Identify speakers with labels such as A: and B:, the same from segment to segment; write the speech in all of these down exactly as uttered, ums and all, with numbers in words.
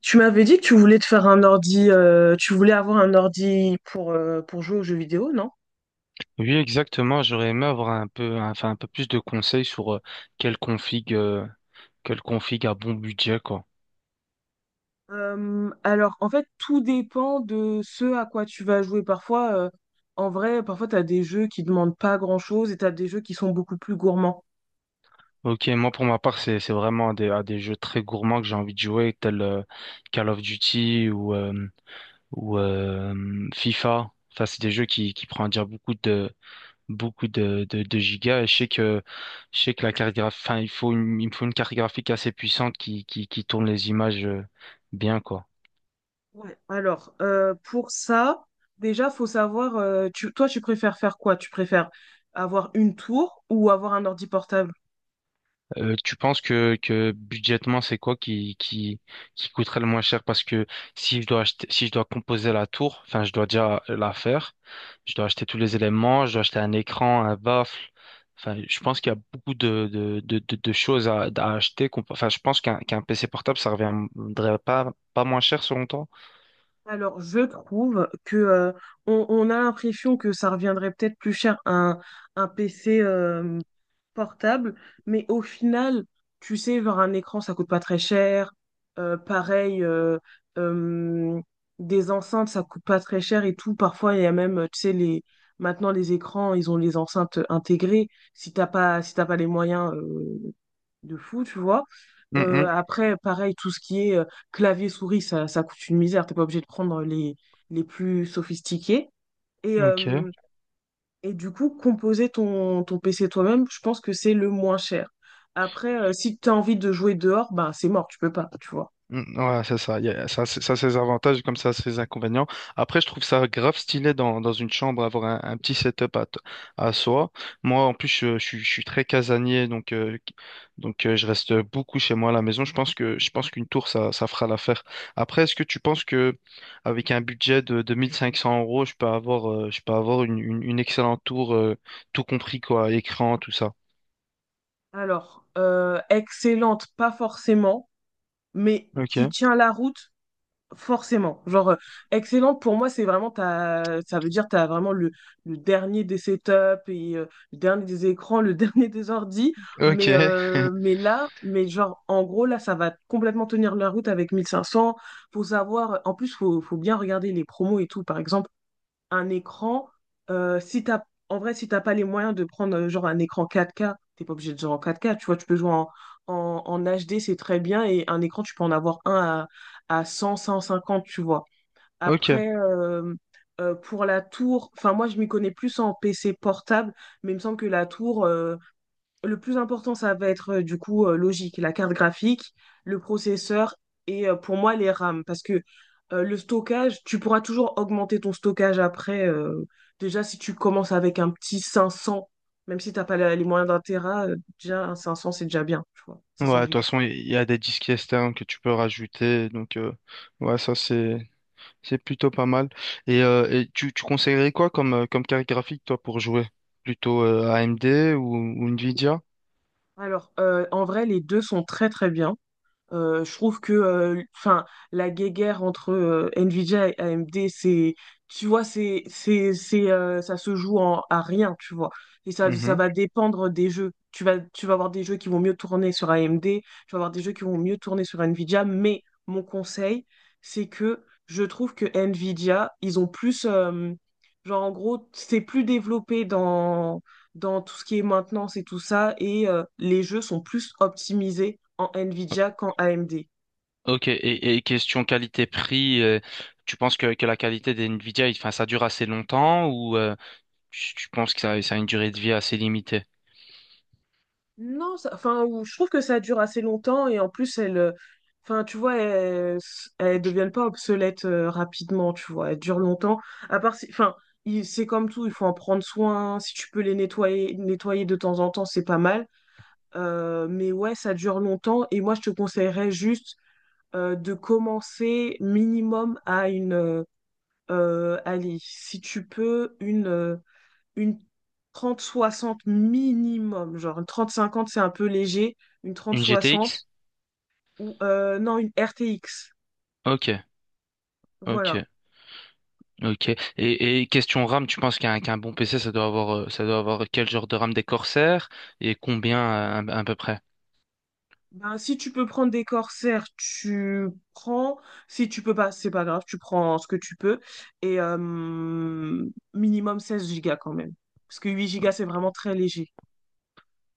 A: Tu m'avais dit que tu voulais te faire un ordi, euh, tu voulais avoir un ordi pour, euh, pour jouer aux jeux vidéo, non?
B: Oui, exactement. J'aurais aimé avoir un peu, un- enfin, un peu plus de conseils sur euh, quelle config, euh, quelle config à bon budget, quoi.
A: Euh, alors, en fait, tout dépend de ce à quoi tu vas jouer. Parfois, euh, en vrai, parfois, tu as des jeux qui demandent pas grand-chose et tu as des jeux qui sont beaucoup plus gourmands.
B: Ok, moi pour ma part, c'est c'est vraiment à des, à des jeux très gourmands que j'ai envie de jouer, tels euh, Call of Duty ou euh, ou euh, FIFA. Enfin, c'est des jeux qui qui prennent à dire beaucoup de beaucoup de, de de gigas. Et je sais que je sais que la carte graphique, enfin, il faut une, il me faut une carte graphique assez puissante qui qui qui tourne les images euh, bien, quoi.
A: Ouais. Alors, euh, pour ça, déjà, faut savoir, euh, tu- toi, tu préfères faire quoi? Tu préfères avoir une tour ou avoir un ordi portable?
B: Euh, tu penses que, que budgétement, c'est quoi qui, qui, qui coûterait le moins cher? Parce que si je dois acheter, si je dois composer la tour, enfin, je dois déjà la faire, je dois acheter tous les éléments, je dois acheter un écran, un baffle. Enfin, je pense qu'il y a beaucoup de, de, de, de, de choses à, à acheter. qu'on peut- Enfin, je pense qu'un qu'un P C portable, ça reviendrait pas, pas moins cher selon toi.
A: Alors, je trouve que euh, on, on a l'impression que ça reviendrait peut-être plus cher un, un P C euh, portable, mais au final, tu sais, genre un écran, ça coûte pas très cher. Euh, pareil, euh, euh, des enceintes, ça coûte pas très cher et tout. Parfois, il y a même, tu sais, les maintenant les écrans, ils ont les enceintes intégrées. Si t'as pas, si t'as pas les moyens, euh, de fou, tu vois. Euh,
B: Mhm.
A: après, pareil, tout ce qui est euh, clavier-souris, ça, ça coûte une misère. T'es pas obligé de prendre les, les plus sophistiqués. Et,
B: Ok.
A: euh, et du coup, composer ton, ton P C toi-même, je pense que c'est le moins cher. Après, euh, si tu as envie de jouer dehors, ben c'est mort, tu peux pas, tu vois.
B: Mm, ouais, c'est ça. Il y a- ça, c'est- ça, c'est ses avantages, comme ça, c'est ses inconvénients. Après, je trouve ça grave stylé dans, dans une chambre, avoir un, un petit setup à, t- à soi. Moi, en plus, je, je suis je suis très casanier, donc, euh, qui- donc euh, je reste beaucoup chez moi à la maison. Je pense que, je pense qu'une tour, ça, ça fera l'affaire. Après, est-ce que tu penses que avec un budget de, de mille cinq cents euros, je peux avoir, euh, je peux avoir une, une, une excellente tour, euh, tout compris, quoi, écran, tout ça?
A: Alors, euh, excellente, pas forcément, mais qui
B: Ok.
A: tient la route, forcément. Genre, euh, excellente, pour moi, c'est vraiment, t'as, ça veut dire tu as vraiment le, le dernier des setups, et, euh, le dernier des écrans, le dernier des ordis.
B: Ok.
A: Mais, euh, mais là, mais genre, en gros, là, ça va complètement tenir la route avec mille cinq cents. Faut savoir, en plus, faut, faut bien regarder les promos et tout. Par exemple, un écran, euh, si t'as, en vrai, si t'as pas les moyens de prendre euh, genre un écran quatre k, t'es pas obligé de jouer en quatre k, tu vois, tu peux jouer en, en, en H D, c'est très bien, et un écran, tu peux en avoir un à, à cent cent cinquante, tu vois.
B: Ok.
A: Après, euh, euh, pour la tour, enfin, moi, je m'y connais plus en P C portable, mais il me semble que la tour, euh, le plus important, ça va être euh, du coup euh, logique, la carte graphique, le processeur et euh, pour moi les RAM. Parce que euh, le stockage, tu pourras toujours augmenter ton stockage après. Euh, déjà, si tu commences avec un petit cinq cents, même si t'as pas la- les moyens d'un téra, euh, déjà un cinq cents, c'est déjà bien, tu vois,
B: Ouais,
A: cinq cents
B: de toute
A: gigas.
B: façon, il y a des disques externes que tu peux rajouter. Donc, euh, ouais, ça, c'est, c'est plutôt pas mal. Et, euh, et tu, tu conseillerais quoi comme, euh, comme carte graphique, toi, pour jouer? Plutôt euh, A M D ou, ou Nvidia?
A: Alors, euh, en vrai, les deux sont très très bien. Euh, je trouve que euh, enfin, la guéguerre entre euh, Nvidia et A M D, c'est, tu vois, c'est, c'est, c'est, euh, ça se joue en- à rien, tu vois. Et ça, ça
B: Mhm.
A: va dépendre des jeux. Tu vas, tu vas avoir des jeux qui vont mieux tourner sur A M D, tu vas avoir des jeux qui vont mieux tourner sur Nvidia, mais mon conseil, c'est que je trouve que Nvidia, ils ont plus, euh, genre en gros, c'est plus développé dans dans tout ce qui est maintenance et tout ça, et euh, les jeux sont plus optimisés en Nvidia qu'en A M D.
B: Ok, et, et question qualité-prix, euh, tu penses que, que la qualité des Nvidia, il- enfin, ça dure assez longtemps ou euh, tu, tu penses que ça, ça a une durée de vie assez limitée?
A: Non, ça- enfin, ou- Je trouve que ça dure assez longtemps et en plus, elles, euh, enfin, tu vois, elles, elles deviennent pas obsolètes euh, rapidement, tu vois, elles durent longtemps. À part, si- enfin, il- C'est comme tout, il faut en prendre soin. Si tu peux les nettoyer, nettoyer de temps en temps, c'est pas mal. Euh, mais ouais, ça dure longtemps et moi, je te conseillerais juste euh, de commencer minimum à une euh, euh, allez, si tu peux, une, euh, une trente soixante minimum. Genre, une trente cinquante c'est un peu léger. Une trente
B: Une G T X?
A: soixante ou euh, non, une R T X.
B: Ok,
A: Voilà.
B: ok. Ok. Et, et question RAM, tu penses qu'un qu'un bon P C, ça doit avoir, euh, ça doit avoir quel genre de RAM, des Corsair, et combien euh, à, à peu près?
A: Ben, si tu peux prendre des Corsair, tu prends. Si tu peux pas, c'est pas grave, tu prends ce que tu peux. Et euh, Minimum seize gigas quand même. Parce que huit gigas, c'est vraiment très léger.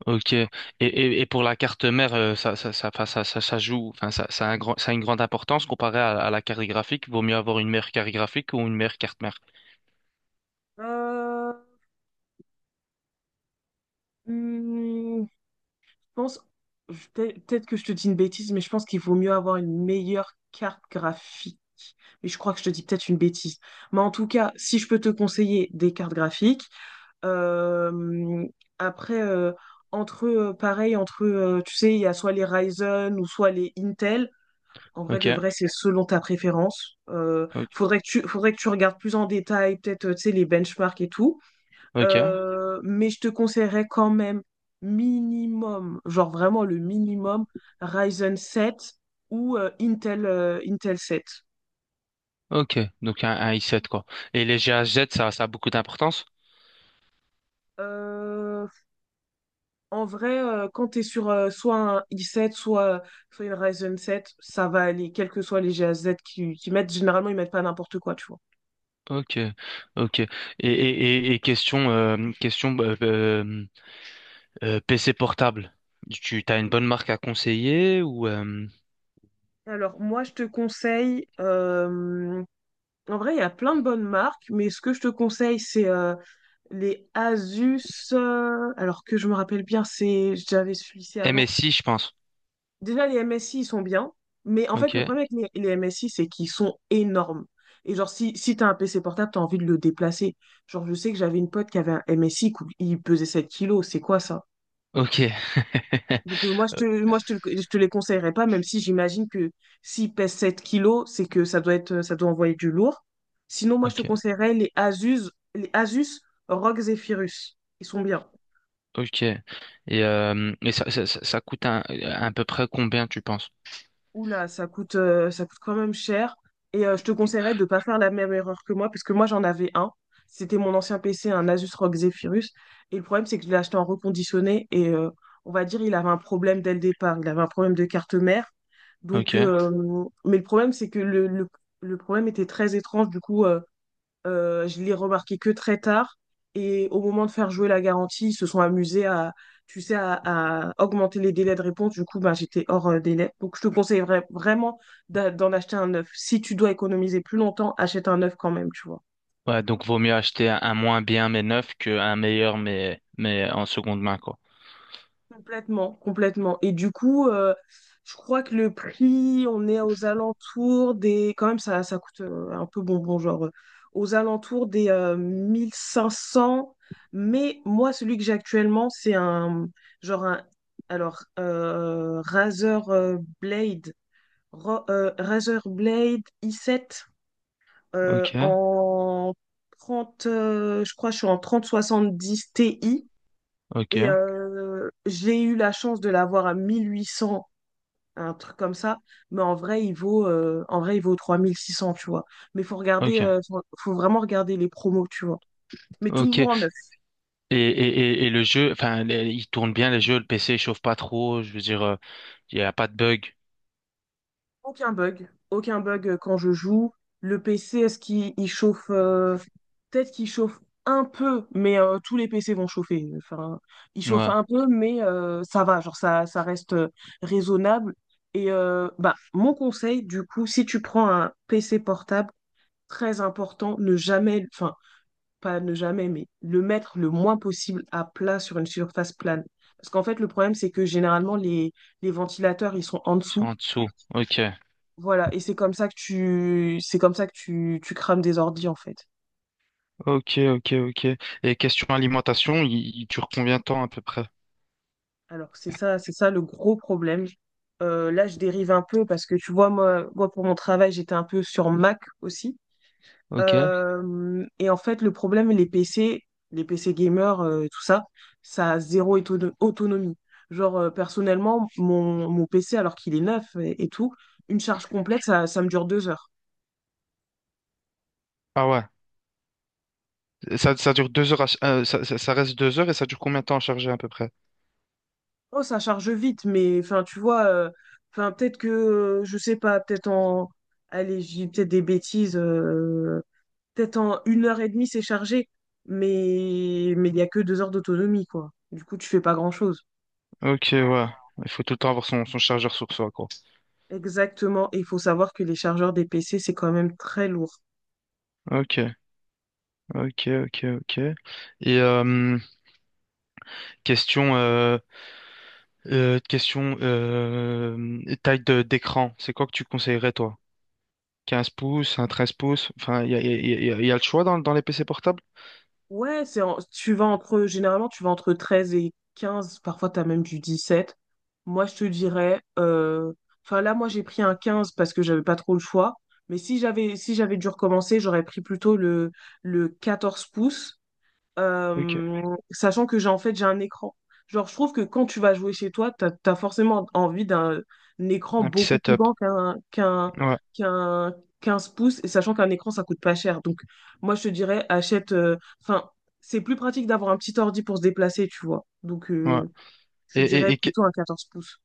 B: Ok. Et, et, et pour la carte mère, euh, ça, ça, ça, enfin, ça, ça, ça joue, enfin, ça, ça a un grand, ça a une grande importance comparé à, à la carte graphique. Vaut mieux avoir une meilleure carte graphique ou une meilleure carte mère.
A: Euh, hmm, pense, je- peut- Peut-être que je te dis une bêtise, mais je pense qu'il vaut mieux avoir une meilleure carte graphique. Mais je crois que je te dis peut-être une bêtise. Mais en tout cas, si je peux te conseiller des cartes graphiques, euh, après, euh, entre, euh, pareil, entre, euh, tu sais, il y a soit les Ryzen ou soit les Intel. En vrai,
B: Ok.
A: de vrai, c'est selon ta préférence. Euh,
B: Ok.
A: faudrait que tu, faudrait que tu regardes plus en détail, peut-être, euh, tu sais, les benchmarks et tout.
B: Ok.
A: Euh, mais je te conseillerais quand même minimum, genre vraiment le minimum, Ryzen 7 ou euh, Intel, euh, Intel 7.
B: Ok. Donc un, un i sept quoi. Et les GHz, ça, ça a beaucoup d'importance?
A: Euh, en vrai, euh, Quand tu es sur euh, soit un i sept, soit, soit une Ryzen 7, ça va aller, quels que soient les G GAZ qui, qui mettent. Généralement, ils mettent pas n'importe quoi, tu vois.
B: Ok. Ok. Et, et, et, et question, euh, question. bah, bah, Euh, P C portable, tu as une bonne marque à conseiller ou euh,
A: Alors, moi, je te conseille, euh, en vrai, il y a plein de bonnes marques, mais ce que je te conseille, c'est euh, les Asus, euh, alors que je me rappelle bien, c'est j'avais celui lycée avant.
B: M S I, je pense.
A: Déjà, les M S I, ils sont bien, mais en fait, le
B: Ok,
A: problème avec les, les M S I, c'est qu'ils sont énormes. Et genre, si, si t'as un P C portable, t'as envie de le déplacer. Genre, je sais que j'avais une pote qui avait un M S I, cou- il pesait sept kilos, c'est quoi ça?
B: ok,
A: Donc, euh, moi, je
B: euh,
A: te, moi je te, le- Je te les conseillerais pas, même si j'imagine que s'il pèse sept kilos, c'est que ça doit être, ça doit envoyer du lourd. Sinon, moi, je te
B: ok,
A: conseillerais les Asus, les Asus R O G Zephyrus. Ils sont bien.
B: ok. Et, euh, et ça, ça, ça- ça coûte un- à peu près combien, tu penses?
A: Oula, ça coûte, euh, ça coûte quand même cher. Et euh, je te conseillerais de ne pas faire la même erreur que moi, parce que moi j'en avais un. C'était mon ancien P C, un Asus R O G Zephyrus. Et le problème, c'est que je l'ai acheté en reconditionné. Et euh, on va dire, il avait un problème dès le départ. Il avait un problème de carte mère.
B: Ok.
A: Donc, euh, mais le problème, c'est que le, le, le problème était très étrange. Du coup, euh, euh, je l'ai remarqué que très tard. Et au moment de faire jouer la garantie, ils se sont amusés à, tu sais, à, à augmenter les délais de réponse. Du coup, ben, j'étais hors euh, délai. Donc, je te conseillerais vraiment d'a- d'en acheter un neuf. Si tu dois économiser plus longtemps, achète un neuf quand même, tu vois.
B: Ouais, donc vaut mieux acheter un, un moins bien mais neuf qu'un meilleur mais, mais en seconde main, quoi.
A: Complètement, complètement. Et du coup, euh, je crois que le prix, on est aux alentours des... Quand même, ça, ça coûte euh, un peu bonbon, genre euh, aux alentours des euh, mille cinq cents. Mais moi, celui que j'ai actuellement, c'est un... Genre un... Alors, euh, Razer euh, Blade, Ro- euh, Razer Blade i sept euh,
B: Ok,
A: en trente euh, je crois que je suis en trente soixante dix Ti. Et
B: ok,
A: euh, j'ai eu la chance de l'avoir à mille huit cents, un truc comme ça. Mais en vrai, il vaut, euh, en vrai, il vaut trois mille six cents, tu vois. Mais faut regarder, euh,
B: ok,
A: faut, faut vraiment regarder les promos, tu vois. Mais
B: ok.
A: toujours en neuf.
B: Et, et, et, et le jeu, enfin, les- il tourne bien les jeux, le P C il chauffe pas trop, je veux dire, euh, il y a pas de bug.
A: Aucun bug, aucun bug euh, quand je joue. Le P C, est-ce qu'il il chauffe euh, Peut-être qu'il chauffe un peu, mais euh, tous les P C vont chauffer. Enfin, il chauffe
B: Ouais,
A: un peu, mais euh, ça va, genre ça, ça reste euh, raisonnable. Et euh, bah, mon conseil, du coup, si tu prends un P C portable, très important, ne jamais, enfin, pas ne jamais, mais le mettre le moins possible à plat sur une surface plane. Parce qu'en fait, le problème, c'est que généralement, les, les ventilateurs, ils sont en
B: ils sont
A: dessous.
B: en dessous. Ok.
A: Voilà, et c'est comme ça que tu c'est comme ça que tu, tu crames des ordis en fait.
B: Ok, ok, ok. Et question alimentation, il, il dure combien de temps à peu près?
A: Alors c'est ça, c'est ça le gros problème. Euh, là, je dérive un peu parce que tu vois, moi, moi pour mon travail, j'étais un peu sur Mac aussi.
B: Ok.
A: Euh, et en fait, le problème, les P C, les P C gamers, euh, tout ça, ça a zéro éto- autonomie. Genre, euh, personnellement, mon, mon P C, alors qu'il est neuf et, et tout, une charge complète, ça, ça me dure deux heures.
B: Ah ouais, ça, ça dure deux heures, à ch- euh, ça, ça- ça reste deux heures, et ça dure combien de temps à charger à peu près?
A: Oh, ça charge vite, mais enfin, tu vois, euh, enfin, peut-être que, euh, je sais pas, peut-être en, allez, j'ai peut-être des bêtises, euh, peut-être en une heure et demie, c'est chargé, mais mais il n'y a que deux heures d'autonomie, quoi. Du coup, tu fais pas grand-chose.
B: Ok, ouais. Il faut tout le temps avoir son, son chargeur sur soi, quoi.
A: Exactement, et il faut savoir que les chargeurs des P C, c'est quand même très lourd.
B: Ok, ok, ok, ok. Et euh, question, euh, euh, question euh, taille de d'écran, c'est quoi que tu conseillerais, toi? Quinze pouces, un treize pouces, enfin, il y a, y a- y a- y a le choix dans, dans les P C portables?
A: Ouais, c'est en- tu vas entre, généralement, tu vas entre treize et quinze, parfois t'as même du dix sept. Moi, je te dirais, euh, enfin là, moi, j'ai pris un quinze parce que j'avais pas trop le choix. Mais si j'avais si j'avais dû recommencer, j'aurais pris plutôt le, le quatorze pouces
B: Ok,
A: euh, sachant que j'ai en fait j'ai un écran. Genre, je trouve que quand tu vas jouer chez toi, t'as, t'as forcément envie d'un un écran
B: un petit
A: beaucoup plus
B: setup.
A: grand qu'un qu'un
B: Ouais,
A: qu'un quinze pouces, et sachant qu'un écran, ça coûte pas cher. Donc, moi, je te dirais, achète. euh, Enfin, c'est plus pratique d'avoir un petit ordi pour se déplacer, tu vois. Donc,
B: ouais.
A: euh, je
B: Et,
A: te
B: et,
A: dirais
B: et
A: plutôt un quatorze pouces.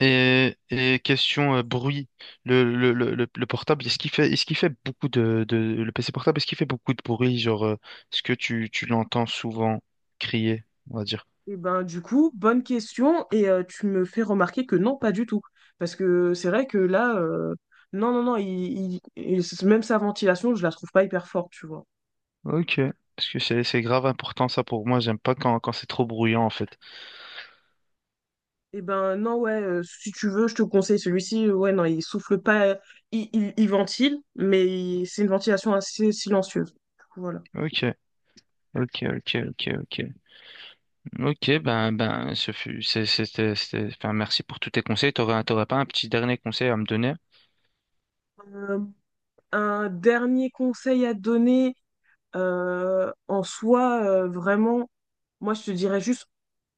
B: Et, et question euh, bruit, le, le, le, le le portable, est-ce qu'il fait, est-ce qu'il fait beaucoup de, de, le P C portable, est-ce qu'il fait beaucoup de bruit, genre, euh, est-ce que tu, tu l'entends souvent crier, on va dire?
A: Et ben du coup, bonne question et euh, tu me fais remarquer que non, pas du tout. Parce que c'est vrai que là, euh, non, non, non, il, il- il- même sa ventilation, je la trouve pas hyper forte, tu vois.
B: Ok, parce que c'est, c'est grave important ça pour moi, j'aime pas quand, quand c'est trop bruyant en fait.
A: Et ben non, ouais, euh, si tu veux, je te conseille celui-ci. Ouais, non, il souffle pas, il, il, il ventile, mais il- c'est une ventilation assez silencieuse. Du coup, voilà.
B: Ok, ok, ok, ok, ok. Ok, ben, ben, ce fut, c'est- c'était, c'était, enfin, merci pour tous tes conseils, t'aurais, t'aurais pas un petit dernier conseil à me donner?
A: Euh, un dernier conseil à te donner, euh, en soi, euh, vraiment, moi je te dirais juste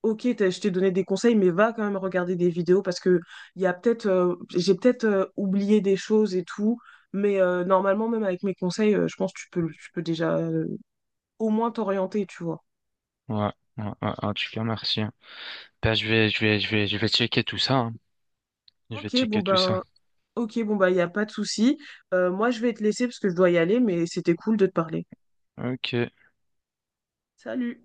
A: ok, t'as- je t'ai donné des conseils, mais va quand même regarder des vidéos parce que il y a peut-être, euh, j'ai peut-être euh, oublié des choses et tout, mais euh, normalement même avec mes conseils, euh, je pense que tu peux, tu peux déjà euh, au moins t'orienter, tu vois.
B: Ouais, ouais, ouais, en tout cas, merci. hein. Ben, je vais, je vais, je vais, je vais checker tout ça, hein. Je vais
A: Ok, bon
B: checker tout ça.
A: ben, ok, bon ben, il y a pas de souci. Euh, moi, je vais te laisser parce que je dois y aller, mais c'était cool de te parler.
B: Ok.
A: Salut.